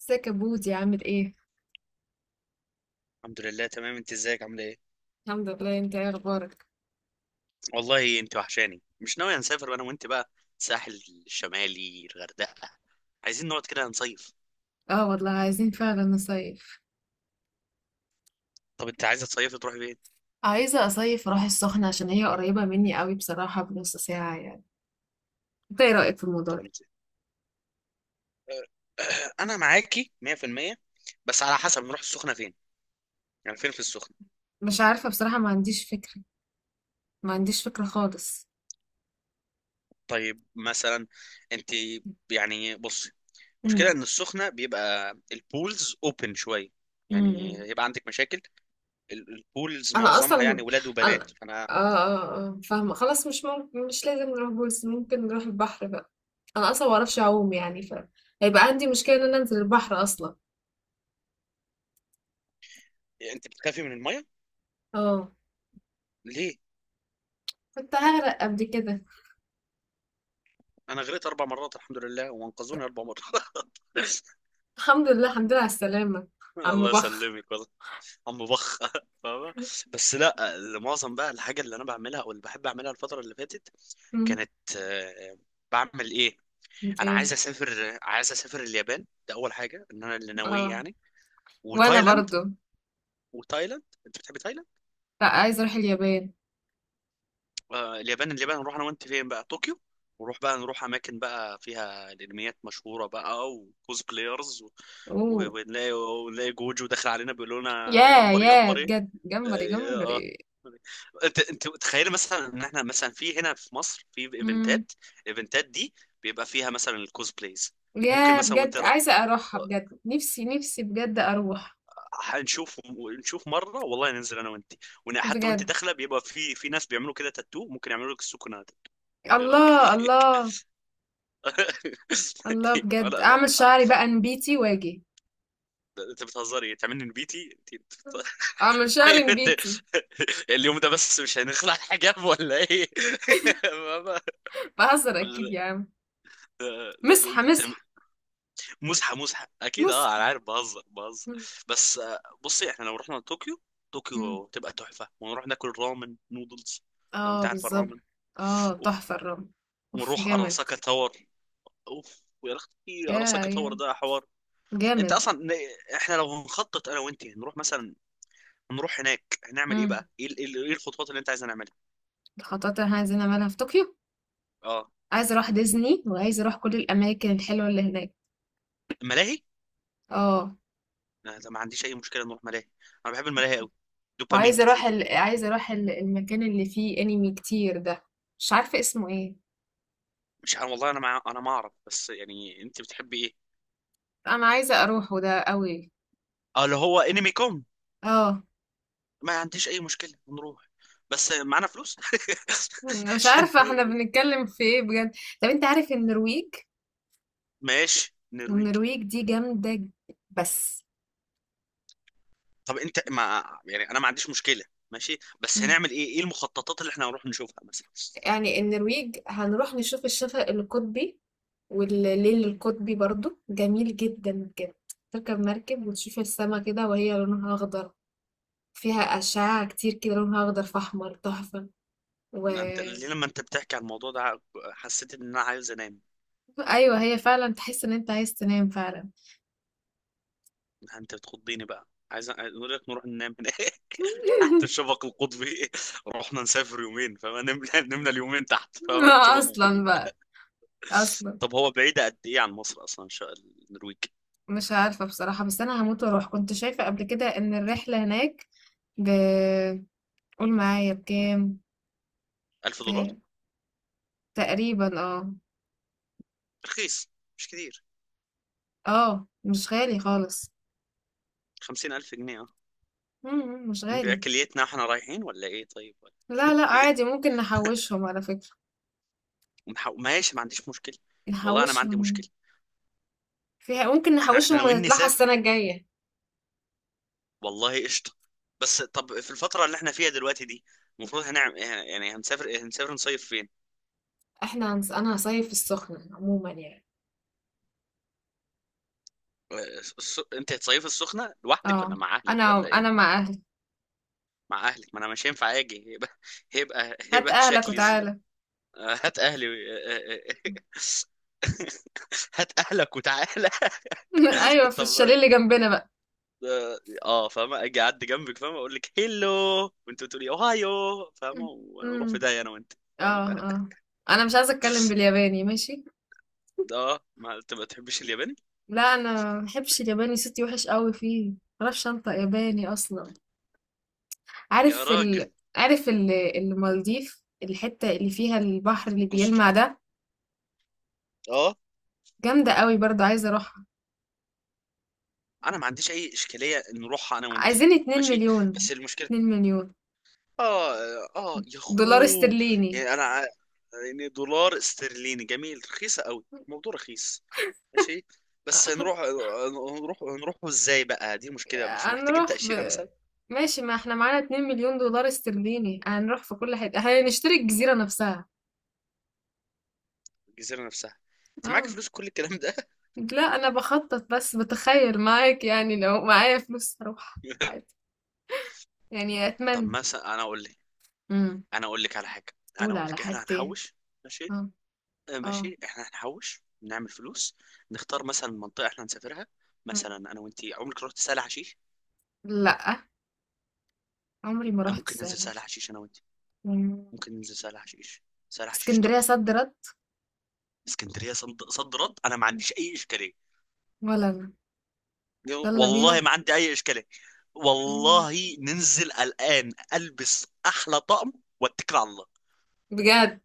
ازيك يا بودي عامل ايه؟ الحمد لله تمام، انت ازيك؟ عامله ايه؟ الحمد لله. انت ايه اخبارك؟ والله انت وحشاني، مش ناوي نسافر انا وانت بقى؟ الساحل الشمالي، الغردقه، عايزين نقعد كده نصيف. اه والله عايزين فعلا نصيف. طب انت عايزه تصيفي تروحي فين؟ عايزة اصيف راح السخنة عشان هي قريبة مني قوي، بصراحة بنص ساعة يعني. انت ايه رأيك في الموضوع طب ده؟ انت انا معاكي 100%، بس على حسب نروح السخنه فين، يعني فين في السخنه. مش عارفة بصراحة، ما عنديش فكرة. ما عنديش فكرة خالص. طيب مثلا، انت يعني بصي، المشكله امم. ان السخنه بيبقى البولز اوبن شويه، يعني امم. يبقى عندك مشاكل. البولز انا معظمها يعني اصلا ولاد وبنات، انا فانا. اه اه اه فاهمة خلاص، مش ممكن مش لازم نروح بولس، ممكن نروح البحر بقى. انا اصلا ما اعرفش اعوم يعني هيبقى عندي مشكلة ان انا انزل البحر اصلا. انت بتخافي من الميه؟ اه. ليه؟ كنت هغرق قبل كده. انا غرقت اربع مرات الحمد لله، وانقذوني اربع مرات الحمد لله، الحمد لله على السلامة. عم الله بخ. يسلمك والله. عم بخ فاهمة. بس لا، معظم بقى الحاجة اللي انا بعملها او اللي بحب اعملها الفترة اللي فاتت مم. كانت آه، بعمل ايه؟ انا عايز ايه. اسافر، عايز اسافر اليابان، ده اول حاجة ان انا اللي اه. ناويه يعني. وانا وتايلاند. برضو. وتايلاند، انت بتحب تايلاند؟ لا عايزة اروح اليابان. اليابان، اليابان نروح انا وانت فين بقى؟ طوكيو؟ ونروح بقى، نروح اماكن بقى فيها الانميات مشهوره بقى، وكوز بلايرز و... اوه. ونلاقي جوجو داخل علينا بيقول لنا يا جمبري يا جمبري. بجد جمبري آه، آه. جمبري. انت تخيل مثلا ان احنا مثلا في هنا في مصر في مم. ايفنتات، الايفنتات دي بيبقى فيها مثلا الكوزبلايز. ممكن يا مثلا بجد عايزة اروحها بجد، نفسي نفسي بجد اروح. هنشوف، نشوف مره والله، ننزل انا وانت. وحتى وانت بجد. داخله بيبقى في ناس بيعملوا كده تاتو، ممكن يعملوا لك السكنه تاتو. ايه الله رايك؟ الله. الله بجد لا اعمل لا، شعري بقى نبيتي واجي. انت بتهزري تعملني نبيتي؟ اعمل شعري طيب انت، نبيتي. اليوم ده بس مش هنخلع الحجاب ولا ايه؟ ماما. بهزر لا اكيد يا عم. لا، مسحة انت مسحة. مزحه مزحه اكيد، اه انا مسحة. عارف، بهزر بهزر. بس بصي، احنا لو رحنا طوكيو، مم. طوكيو تبقى تحفه، ونروح ناكل رامن نودلز. لو اه انت عارف بالظبط. الرامن. اه اوف. تحفة الرمل. اوف ونروح جامد. اراساكا تاور، اوف ويا اختي يا اراساكا تاور يا ده حوار. انت جامد. اصلا ن- احنا لو نخطط انا وانت نروح مثلا، نروح هناك هنعمل ايه امم. بقى، ايه إيه الخطوات اللي انت عايز نعملها؟ الخطوات اللي احنا عايزين نعملها في طوكيو. اه، عايزة اروح ديزني وعايزة اروح كل الاماكن الحلوة اللي هناك. الملاهي. اه. لا لا، ما عنديش اي مشكله نروح ملاهي، انا بحب الملاهي قوي، دوبامين وعايزة اروح كتير. ال... عايزة اروح ال... المكان اللي فيه انمي كتير ده. مش عارفة اسمه ايه. مش عارف والله، انا مع... انا ما اعرف، بس يعني انت بتحبي ايه؟ انا عايزة اروحه ده قوي. اه، اللي هو انمي كوم. اه. ما عنديش اي مشكله نروح، بس معانا فلوس مش عشان. عارفة احنا بنتكلم في ايه بجد. طب انت عارف النرويج؟ ماشي نرويج. النرويج دي جامدة بس. طب انت، ما يعني انا ما عنديش مشكله، ماشي، بس مم. هنعمل ايه؟ ايه المخططات اللي احنا هنروح نشوفها مثلا؟ يعني النرويج هنروح نشوف الشفق القطبي والليل القطبي برضو جميل جدا بجد. تركب مركب وتشوف السما كده وهي لونها أخضر. فيها أشعة كتير كده لونها أخضر في أحمر تحفة. و ما انت ليه لما انت بتحكي عن الموضوع ده حسيت ان انا عايز انام؟ أيوة هي فعلا تحس إن أنت عايز تنام فعلا. انت بتخضيني بقى، عايز اقول لك نروح ننام هناك تحت الشفق القطبي. رحنا نسافر يومين، فما نمنا، نمنا اليومين تحت، فاهم، الشفق أصلا القطبي. بقى. أصلا. طب هو بعيدة قد ايه عن مصر اصلا؟ النرويج. مش عارفة بصراحة، بس أنا هموت وأروح. كنت شايفة قبل كده إن الرحلة هناك ب قول معايا بكام. 1000 دولار، ب... تقريبا اه. رخيص، مش كتير. اه مش غالي خالص. 50000 جنيه، اه. مم، مش غالي. باكليتنا احنا رايحين ولا ايه طيب؟ ولا لا لا إيه؟ عادي، ممكن نحوشهم على فكرة. ماشي، ما عنديش مشكلة، والله انا ما عندي نحوشهم. مشكلة. فيها ممكن احنا نحوشهم ناويين ونطلعها نسافر، السنة الجاية. والله قشطة. بس طب في الفترة اللي احنا فيها دلوقتي دي، المفروض هنعمل إيه؟ يعني هنسافر إيه؟ هنسافر نصيف فين؟ انا هصيف في السخنة عموما يعني. الس... انت هتصيفي السخنه لوحدك ولا اه. مع اهلك انا ولا ايه؟ انا مع اهلي. مع اهلك؟ ما انا مش هينفع اجي، هيبقى هيبقى هات هيبقى اهلك شكلي ز... وتعالى. هات اهلي. هات اهلك وتعالى. ايوه في طب، الشاليه اللي جنبنا بقى. اه، فاهمه، اجي اعدي جنبك، فاهمه، اقول لك هيلو وانت تقولي اوهايو، فاهمه، امم. ونروح في داهيه انا وانت، فاهمه. اه اه. انا مش عايزة اتكلم بالياباني ماشي. اه، ما انت ما تحبش الياباني. لا انا ما بحبش الياباني، صوتي وحش قوي فيه، ما بعرفش انطق ياباني اصلا. يا عارف ال... راجل. عارف المالديف الحتة اللي فيها البحر اللي أجل. بيلمع ده اه، جامدة قوي برضو عايزة اروحها. انا ما عنديش اي اشكاليه نروحها انا وانت. عايزين 2 ماشي، مليون بس المشكله، 2 مليون اه، اه يا دولار اخوه. استرليني. يعني انا ع- يعني دولار استرليني جميل، رخيصه قوي الموضوع، رخيص، ماشي. بس هنروح ازاي بقى؟ دي مشكله، مش محتاجين هنروح تاشيره مثلا؟ ماشي. ما احنا معانا 2 مليون دولار استرليني، هنروح في كل حتة هنشتري الجزيرة نفسها. الجزيره نفسها. انت معاك اه. فلوس كل الكلام ده؟ لا انا بخطط بس بتخيل معاك، يعني لو معايا فلوس هروح عادي. يعني طب اتمنى. مثلا، امم. انا اقول لك على حاجه. انا قول اقول على لك، احنا حاجتين. هنحوش، ماشي. اه. اه. ماشي، احنا هنحوش نعمل فلوس، نختار مثلا منطقه احنا هنسافرها. مم. مثلا انا وانتي عمرك رحت سهل حشيش؟ لا عمري ما رحت ممكن ننزل الساحل. سهل حشيش انا وانتي، مم. ممكن ننزل سهل حشيش، سهل حشيش اسكندرية تحفه. صد رد. اسكندريه صد رد، انا ما عنديش اي اشكاليه، ولا انا. يلا والله بينا. ما عندي اي اشكاليه. إمم. والله ننزل الان، البس احلى طقم واتكل على الله. بجد!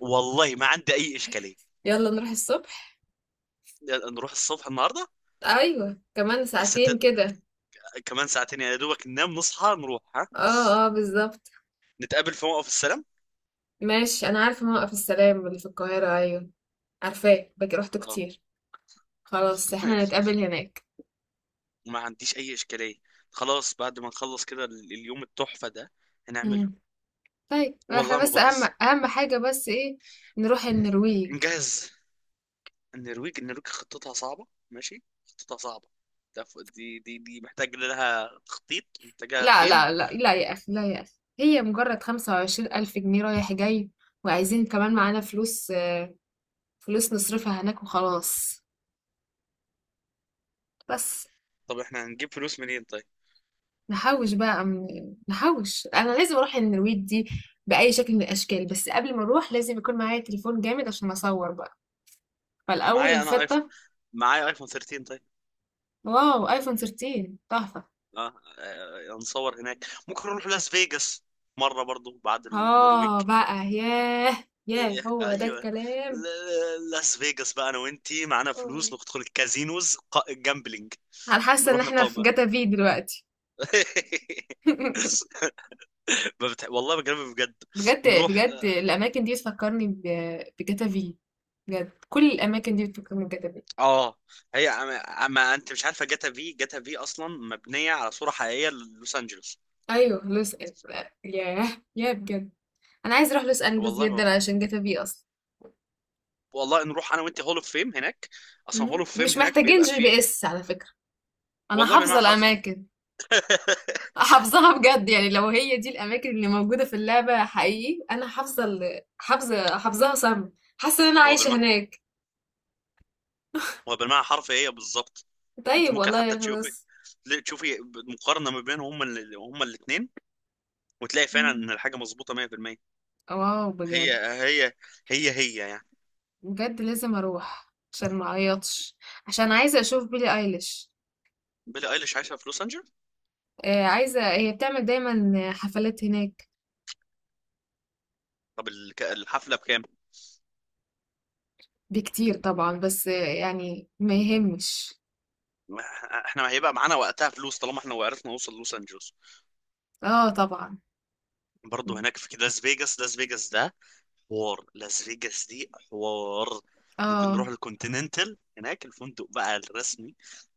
والله ما عندي اي اشكاليه. يالّا نروح الصبح؟ نروح الصبح النهارده. أيوه، كمان بس ت... ساعتين كده. كمان ساعتين يا دوبك، ننام نصحى نروح، ها. آه، آه، بالضبط. نتقابل في موقف السلام. ماشي، أنا عارفة موقف السلام اللي في القاهرة، أيوه، عارفاه، باجي رُحته اه. كتير. خلاص، إحنا هنتقابل هناك. ما عنديش اي اشكاليه. خلاص، بعد ما نخلص كده اليوم التحفه ده هنعمله. إمم. طيب، إحنا والله ما بس أهم بهزر. أهم حاجة بس إيه، نروح النرويج. نجهز. النرويج، النرويج خطتها صعبة، ماشي، خطتها صعبة، ده دي محتاج لها تخطيط، محتاجها لأ، فهم. لأ، لأ، لأ يا أخي، لا يا أخي، هي مجرد 25.000 جنيه رايح جاي، وعايزين كمان معانا فلوس، فلوس نصرفها هناك وخلاص، بس. طب احنا هنجيب فلوس منين طيب؟ نحوش بقى من... نحوش انا لازم اروح النرويج دي باي شكل من الاشكال، بس قبل ما اروح لازم يكون معايا تليفون جامد عشان اصور بقى، أنا فالاول معايا انا ايفون، الخطه. معايا ايفون 13، طيب. واو ايفون 13 تحفه. اه، هنصور هناك، ممكن نروح لاس فيجاس مرة برضو بعد النرويج. اه بقى ياه. ياه هو ده ايوه، الكلام. لاس فيجاس بقى، انا وانتي معانا آه. فلوس، ندخل الكازينوز، جامبلينج، انا حاسه ان نروح احنا في نقامر. جاتا في دلوقتي. ما بتح... والله بكلمك بجد، بجد نروح بجد الاماكن دي بتفكرني بجاتا في. بجد كل الاماكن دي بتفكرني بجاتا في. اه. هي أما أما انت مش عارفه جاتا في، جاتا في اصلا مبنيه على صوره حقيقيه للوس انجلوس. ايوه لوس. ياه. ياه بجد. انا عايز اروح لوس انجلوس والله ما جدا علشان جاتا في اصلا. والله نروح انا وانت هول اوف فيم هناك، اصلا هول مم. اوف فيم مش هناك محتاجين بيبقى جي فيه. بي اس على فكرة. انا والله حافظة بالمعنى حرفي. الاماكن. حافظاها بجد، يعني لو هي دي الاماكن اللي موجودة في اللعبة حقيقي، انا حافظة ال- حافظة حافظاها صم. حاسة ان انا هو عايشة بالمعنى هناك. هو بالمعنى حرفي، هي بالظبط. انت طيب ممكن والله حتى يا تشوفي، خلاص. تشوفي مقارنه ما بينهم، هما هما الاثنين، وتلاقي فعلا مم. ان الحاجه مظبوطه 100%. واو بجد. هي هي هي يعني. بجد لازم اروح عشان ما اعيطش، عشان عايزه اشوف بيلي ايليش. بيلي ايليش عايشه في لوس انجلوس. آه عايزه، هي بتعمل دايما حفلات هناك. طب الحفله بكام؟ بكتير طبعا، بس آه، يعني ما يهمش. ما- احنا هيبقى معانا وقتها فلوس، طالما احنا وعرفنا نوصل لوس انجلوس. اه طبعا. برضه هناك في لاس فيجاس، لاس فيجاس ده حوار لاس فيجاس دي حوار. ممكن آه. نروح الكونتيننتال هناك، الفندق بقى الرسمي،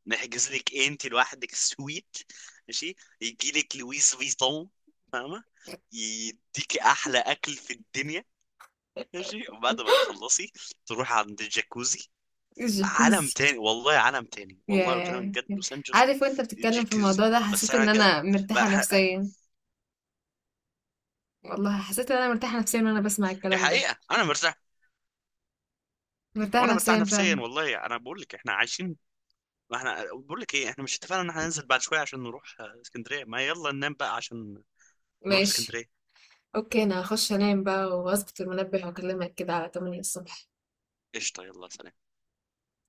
نحجز لك انت لوحدك سويت، ماشي، يجي لك لويس فيتون، فاهمه، يديكي احلى اكل في الدنيا، ماشي، وبعد ما تخلصي تروحي عند الجاكوزي. عالم الجاكوزي. تاني والله، عالم تاني والله، ياه! بكلمك بجد لوس انجلوس، عارف وأنت بتتكلم في الجاكوزي. الموضوع ده بس حسيت انا إن كده أنا مرتاحة بقى- نفسيًا. والله حسيت إن أنا مرتاحة نفسيًا وأنا بسمع دي الكلام ده. حقيقه انا مرتاح، مرتاحة وانا مرتاح نفسيًا نفسيا، فعلًا. والله انا بقول لك احنا عايشين. ما احنا بقول لك ايه، احنا مش اتفقنا ان احنا ننزل بعد شويه عشان نروح اسكندريه؟ ما يلا ننام بقى عشان نروح ماشي. اسكندريه. أوكي، أنا هخش أنام بقى وأظبط المنبه وأكلمك كده على 8 الصبح. قشطه، يلا سلام.